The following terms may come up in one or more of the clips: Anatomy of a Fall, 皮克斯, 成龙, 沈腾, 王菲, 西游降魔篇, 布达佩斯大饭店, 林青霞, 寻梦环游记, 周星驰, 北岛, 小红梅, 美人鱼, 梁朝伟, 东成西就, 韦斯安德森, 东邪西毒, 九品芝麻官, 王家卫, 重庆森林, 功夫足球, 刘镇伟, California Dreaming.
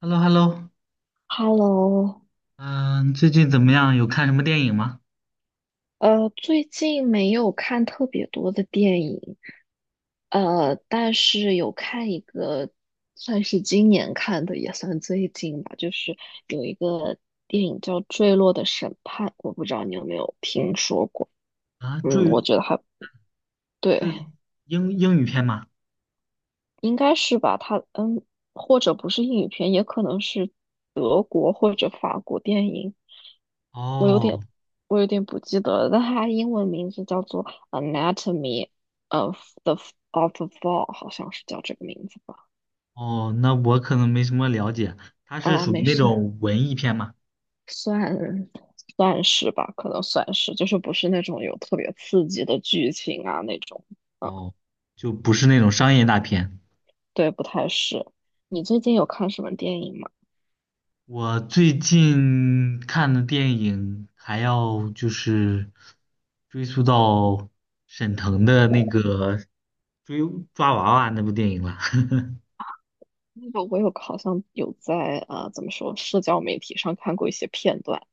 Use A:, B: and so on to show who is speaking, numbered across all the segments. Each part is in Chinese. A: h e l l o h e l l o
B: Hello，
A: 嗯，最近怎么样？有看什么电影吗？
B: 最近没有看特别多的电影，但是有看一个，算是今年看的，也算最近吧，就是有一个电影叫《坠落的审判》，我不知道你有没有听说过，
A: 啊，
B: 嗯，我觉得还对。
A: 是英语片吗？
B: 应该是吧？它嗯，或者不是英语片，也可能是德国或者法国电影。我有
A: 哦
B: 点，我有点不记得了，但它英文名字叫做《Anatomy of the of a Fall》，好像是叫这个名字吧？
A: 哦，那我可能没什么了解，它是
B: 啊，
A: 属于
B: 没
A: 那
B: 事，
A: 种文艺片吗？
B: 算算是吧，可能算是，就是不是那种有特别刺激的剧情啊那种。嗯，
A: 哦，就不是那种商业大片。
B: 对，不太是。你最近有看什么电影吗？
A: 我最近看的电影还要就是追溯到沈腾的那个追抓娃娃那部电影了。
B: 那个我有好像有在啊怎么说，社交媒体上看过一些片段。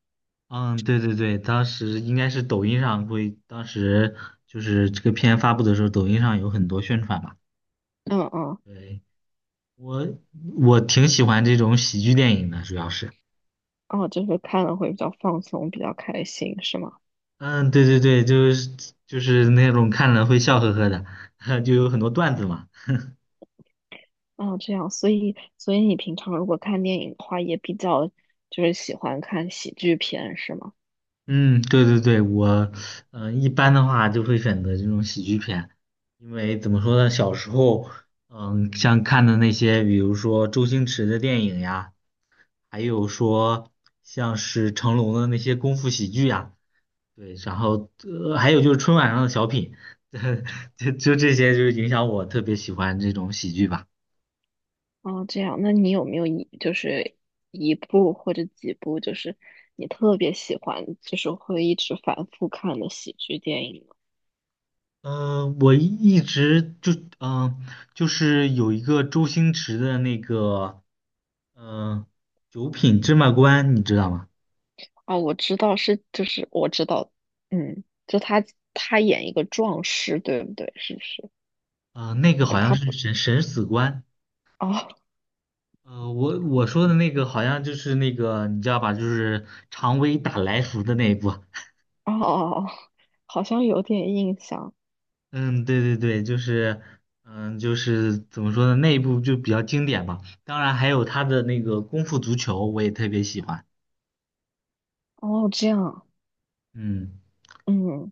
A: 嗯，对对对，当时应该是抖音上会，当时就是这个片发布的时候，抖音上有很多宣传嘛。
B: 嗯嗯，
A: 对，我我挺喜欢这种喜剧电影的，主要是，
B: 哦，就是看了会比较放松，比较开心，是吗？
A: 嗯，对对对，就是那种看了会笑呵呵的，就有很多段子嘛。
B: 哦，这样，所以你平常如果看电影的话，也比较就是喜欢看喜剧片，是吗？
A: 嗯，对对对，我一般的话就会选择这种喜剧片，因为怎么说呢，小时候像看的那些，比如说周星驰的电影呀。还有说像是成龙的那些功夫喜剧呀、对，然后还有就是春晚上的小品，就这些，就是影响我特别喜欢这种喜剧吧。
B: 哦，这样，那你有没有一就是一部或者几部，就是你特别喜欢，就是会一直反复看的喜剧电影？
A: 嗯、我一直就嗯、呃就是有一个周星驰的那个嗯、呃九品芝麻官，你知道吗？
B: 哦，我知道是，就是我知道，嗯，他演一个壮士，对不对？是不是？
A: 嗯，那个
B: 还
A: 好
B: 是
A: 像
B: 他
A: 是
B: 不？
A: 审死官。
B: 哦
A: 我说的那个好像就是那个，你知道吧？就是常威打来福的那一部。
B: 哦哦，哦好像有点印象。
A: 嗯，对对对，就是怎么说呢，那一部就比较经典吧。当然还有他的那个《功夫足球》，我也特别喜欢。
B: 哦，这样，
A: 嗯，
B: 嗯，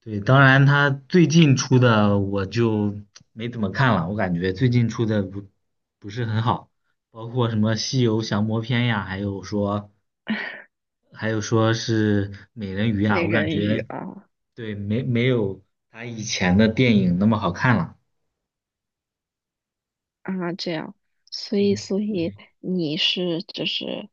A: 对，当然他最近出的我就没怎么看了，我感觉最近出的不是很好，包括什么《西游降魔篇》呀，还有说是《美人鱼》啊，
B: 美
A: 我感
B: 人鱼
A: 觉
B: 啊
A: 对没有他以前的电影那么好看了。
B: 啊，这样，所以
A: 嗯
B: 所以你是就是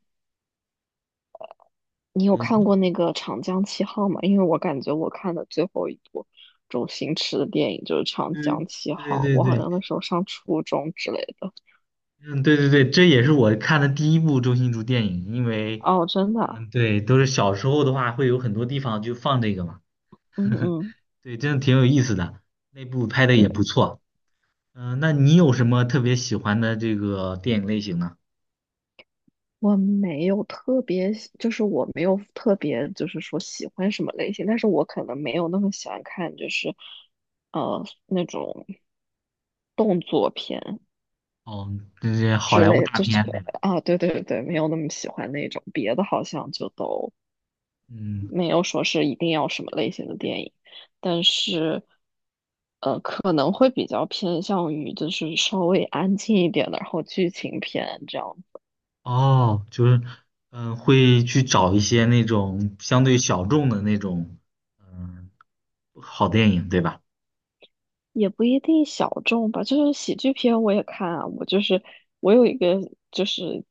B: 你有看
A: 嗯，
B: 过那个《长江七号》吗？因为我感觉我看的最后一部周星驰的电影就是《长
A: 对
B: 江七
A: 对
B: 号》，
A: 对
B: 我好
A: 对。
B: 像那时候上初中之类的。
A: 嗯，对对对，这也是我看的第一部周星驰电影，因为，
B: 哦，真的啊
A: 嗯，对，都是小时候的话，会有很多地方就放这个嘛，
B: 嗯嗯。
A: 对，真的挺有意思的，那部拍的也不
B: 对。
A: 错。那你有什么特别喜欢的这个电影类型呢？
B: 我没有特别，就是说喜欢什么类型，但是我可能没有那么喜欢看，那种动作片
A: 哦，这些好
B: 之
A: 莱坞
B: 类，
A: 大
B: 就是
A: 片对吧？
B: 啊，对对对，没有那么喜欢那种，别的好像就都
A: 嗯，
B: 没有说是一定要什么类型的电影，但是可能会比较偏向于就是稍微安静一点的，然后剧情片这样。
A: 哦，就是，会去找一些那种相对小众的那种，嗯，好电影对吧？
B: 也不一定小众吧，就是喜剧片我也看啊。我有一个就是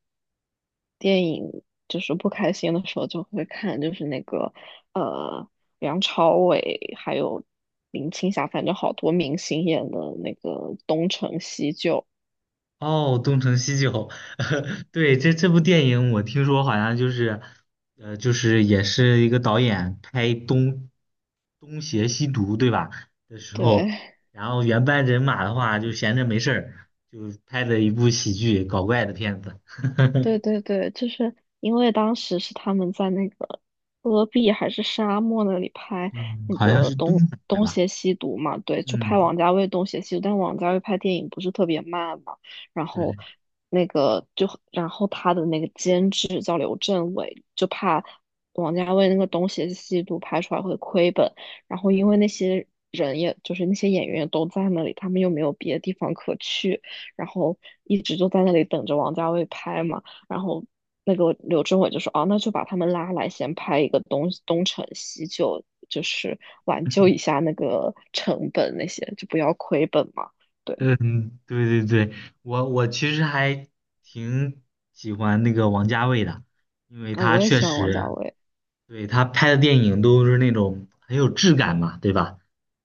B: 电影，就是不开心的时候就会看，就是那个呃梁朝伟还有林青霞，反正好多明星演的那个《东成西就》。
A: 哦，《东成西就》对，这部电影我听说好像就是，就是也是一个导演拍东邪西毒，对吧？的时
B: 对，
A: 候，然后原班人马的话就闲着没事儿，就拍的一部喜剧搞怪的片子，
B: 对对对，就是因为当时是他们在那个戈壁还是沙漠那里 拍
A: 嗯，
B: 那
A: 好像
B: 个
A: 是东北的
B: 东
A: 吧？
B: 邪西毒嘛，对，就拍
A: 嗯，
B: 王家卫东邪西毒，但王家卫拍电影不是特别慢嘛，然后
A: 对。
B: 那个就然后他的那个监制叫刘镇伟，就怕王家卫那个东邪西毒拍出来会亏本，然后因为那些人也就是那些演员都在那里，他们又没有别的地方可去。然后一直就在那里等着王家卫拍嘛。然后那个柳智伟就说：“哦，那就把他们拉来，先拍一个东成西就，就是挽救一下那个成本那些，就不要亏本嘛。” 对，
A: 嗯，对对对，我其实还挺喜欢那个王家卫的，因为
B: 啊，
A: 他
B: 我也
A: 确
B: 喜欢王家
A: 实，
B: 卫。
A: 对，他拍的电影都是那种很有质感嘛，对吧？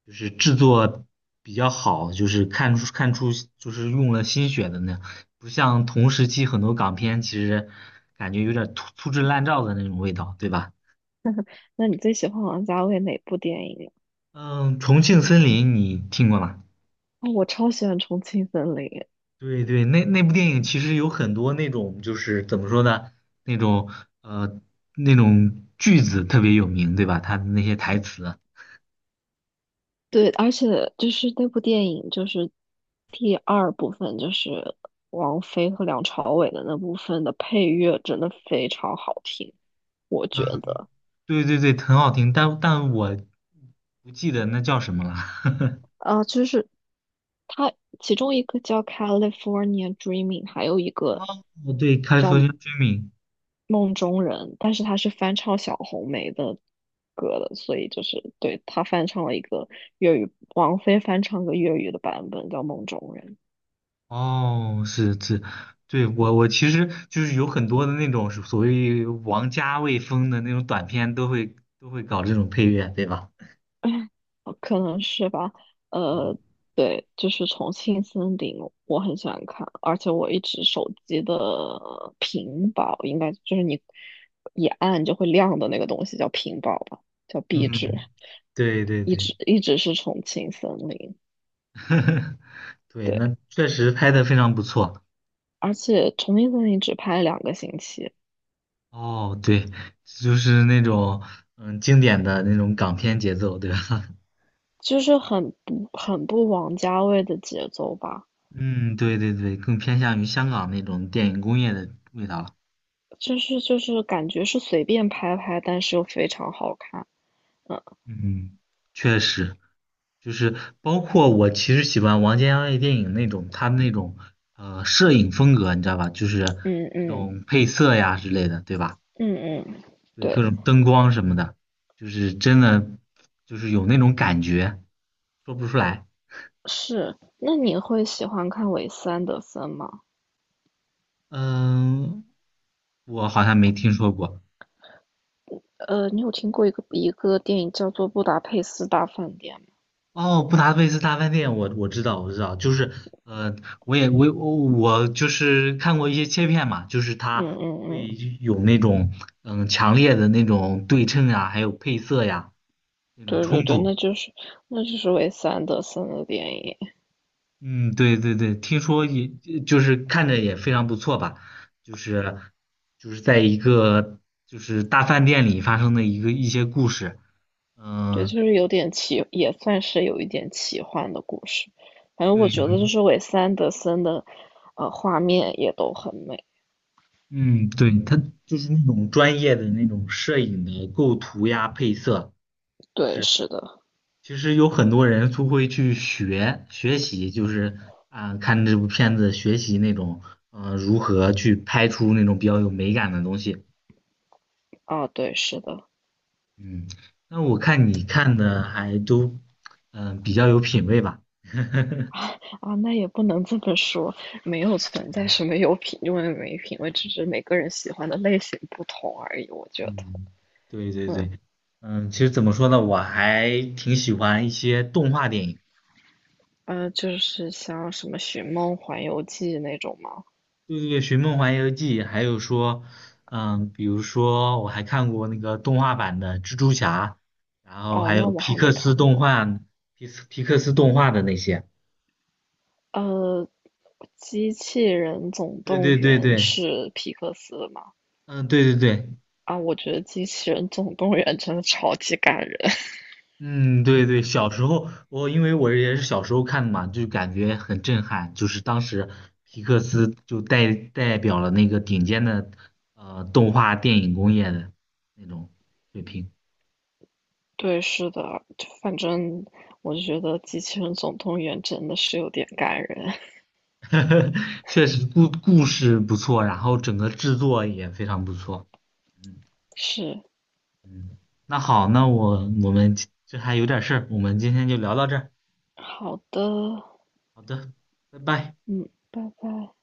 A: 就是制作比较好，就是看出就是用了心血的那样不像同时期很多港片其实感觉有点粗制滥造的那种味道，对吧？
B: 那你最喜欢王家卫哪部电影啊？
A: 嗯，《重庆森林》你听过吗？
B: 哦我超喜欢《重庆森林》。
A: 对对，那部电影其实有很多那种就是怎么说呢，那种呃那种句子特别有名，对吧？他的那些台词，
B: 对，而且就是那部电影，就是第二部分，就是王菲和梁朝伟的那部分的配乐真的非常好听，我
A: 嗯，
B: 觉得。
A: 对对对，很好听，但我不记得那叫什么了。
B: 啊，就是它其中一个叫《California Dreaming》，还有一个
A: 哦，对开 a l i f
B: 《梦中人》，但是他是翻唱小红梅的歌的，所以就是对他翻唱了一个粤语，王菲翻唱个粤语的版本叫《梦中人》。
A: 哦，是是，对我其实就是有很多的那种所谓王家卫风的那种短片，都会搞这种配乐，对吧？
B: 哦可能是吧，
A: 嗯
B: 呃，对，就是《重庆森林》，我很喜欢看，而且我一直手机的屏保，应该就是你一按就会亮的那个东西叫屏保吧，叫壁纸，
A: 嗯，对对对。
B: 一直是《重庆森林》，
A: 对，
B: 对，
A: 那确实拍的非常不错。
B: 而且《重庆森林》只拍了两个星期，
A: 哦，对，就是那种经典的那种港片节奏，对吧？
B: 很不王家卫的节奏吧，
A: 嗯，对对对，更偏向于香港那种电影工业的味道了。
B: 就是感觉是随便拍拍，但是又非常好看，嗯
A: 嗯，确实，就是包括我其实喜欢王家卫电影那种他那种摄影风格，你知道吧？就是
B: 嗯
A: 那
B: 嗯。
A: 种配色呀之类的，对吧？
B: 嗯嗯，
A: 对，各
B: 对，
A: 种灯光什么的，就是真的就是有那种感觉，说不出来。
B: 是。那你会喜欢看韦斯安德森吗？
A: 嗯，我好像没听说过。
B: 你有听过一个电影叫做《布达佩斯大饭店》吗？
A: 哦，布达佩斯大饭店，我知道，我知道，就是呃，我也我我我就是看过一些切片嘛，就是
B: 嗯
A: 它
B: 嗯
A: 会
B: 嗯，
A: 有那种强烈的那种对称呀，还有配色呀那种
B: 对对
A: 冲
B: 对，
A: 突。
B: 那就是韦斯安德森的电影，
A: 嗯，对对对，听说也就是看着也非常不错吧，就是就是在一个就是大饭店里发生的一些故事。
B: 对，
A: 嗯，
B: 就是有点奇，也算是有一点奇幻的故事。反正
A: 对，
B: 我
A: 有
B: 觉得就
A: 一。
B: 是韦斯安德森的，画面也都很美。
A: 嗯，对，他就是那种专业的那种摄影的构图呀、配色，就
B: 对，
A: 是
B: 是的，
A: 其实有很多人都会去学习，就是啊、看这部片子学习那种如何去拍出那种比较有美感的东西。
B: 啊，对，是的。
A: 嗯，那我看你看的还都比较有品味吧。
B: 啊，那也不能这么说，没有存在什么有品味没品味，只是每个人喜欢的类型不同而已。我觉得，
A: 嗯，对对
B: 嗯，
A: 对，其实怎么说呢，我还挺喜欢一些动画电影。
B: 就是像什么《寻梦环游记》那种吗？
A: 对对对，《寻梦环游记》，还有说，比如说我还看过那个动画版的蜘蛛侠，然后
B: 哦，
A: 还
B: 那
A: 有
B: 我
A: 皮
B: 还
A: 克
B: 没看
A: 斯动
B: 过。
A: 画、皮克斯动画的那些。
B: 呃，《机器人总
A: 对
B: 动
A: 对对
B: 员》
A: 对，
B: 是皮克斯的吗？
A: 嗯，对对对，
B: 啊，我觉得《机器人总动员》真的超级感人。
A: 嗯，对对，小时候我因为我也是小时候看的嘛，就感觉很震撼，就是当时皮克斯就代表了那个顶尖的动画电影工业的那种水平。
B: 对，是的，就反正我就觉得《机器人总动员》真的是有点感人。
A: 确实故事不错，然后整个制作也非常不错。嗯
B: 是，
A: 嗯，那好，那我们这还有点事儿，我们今天就聊到这儿。
B: 好的。
A: 好的，拜拜。
B: 嗯，拜拜。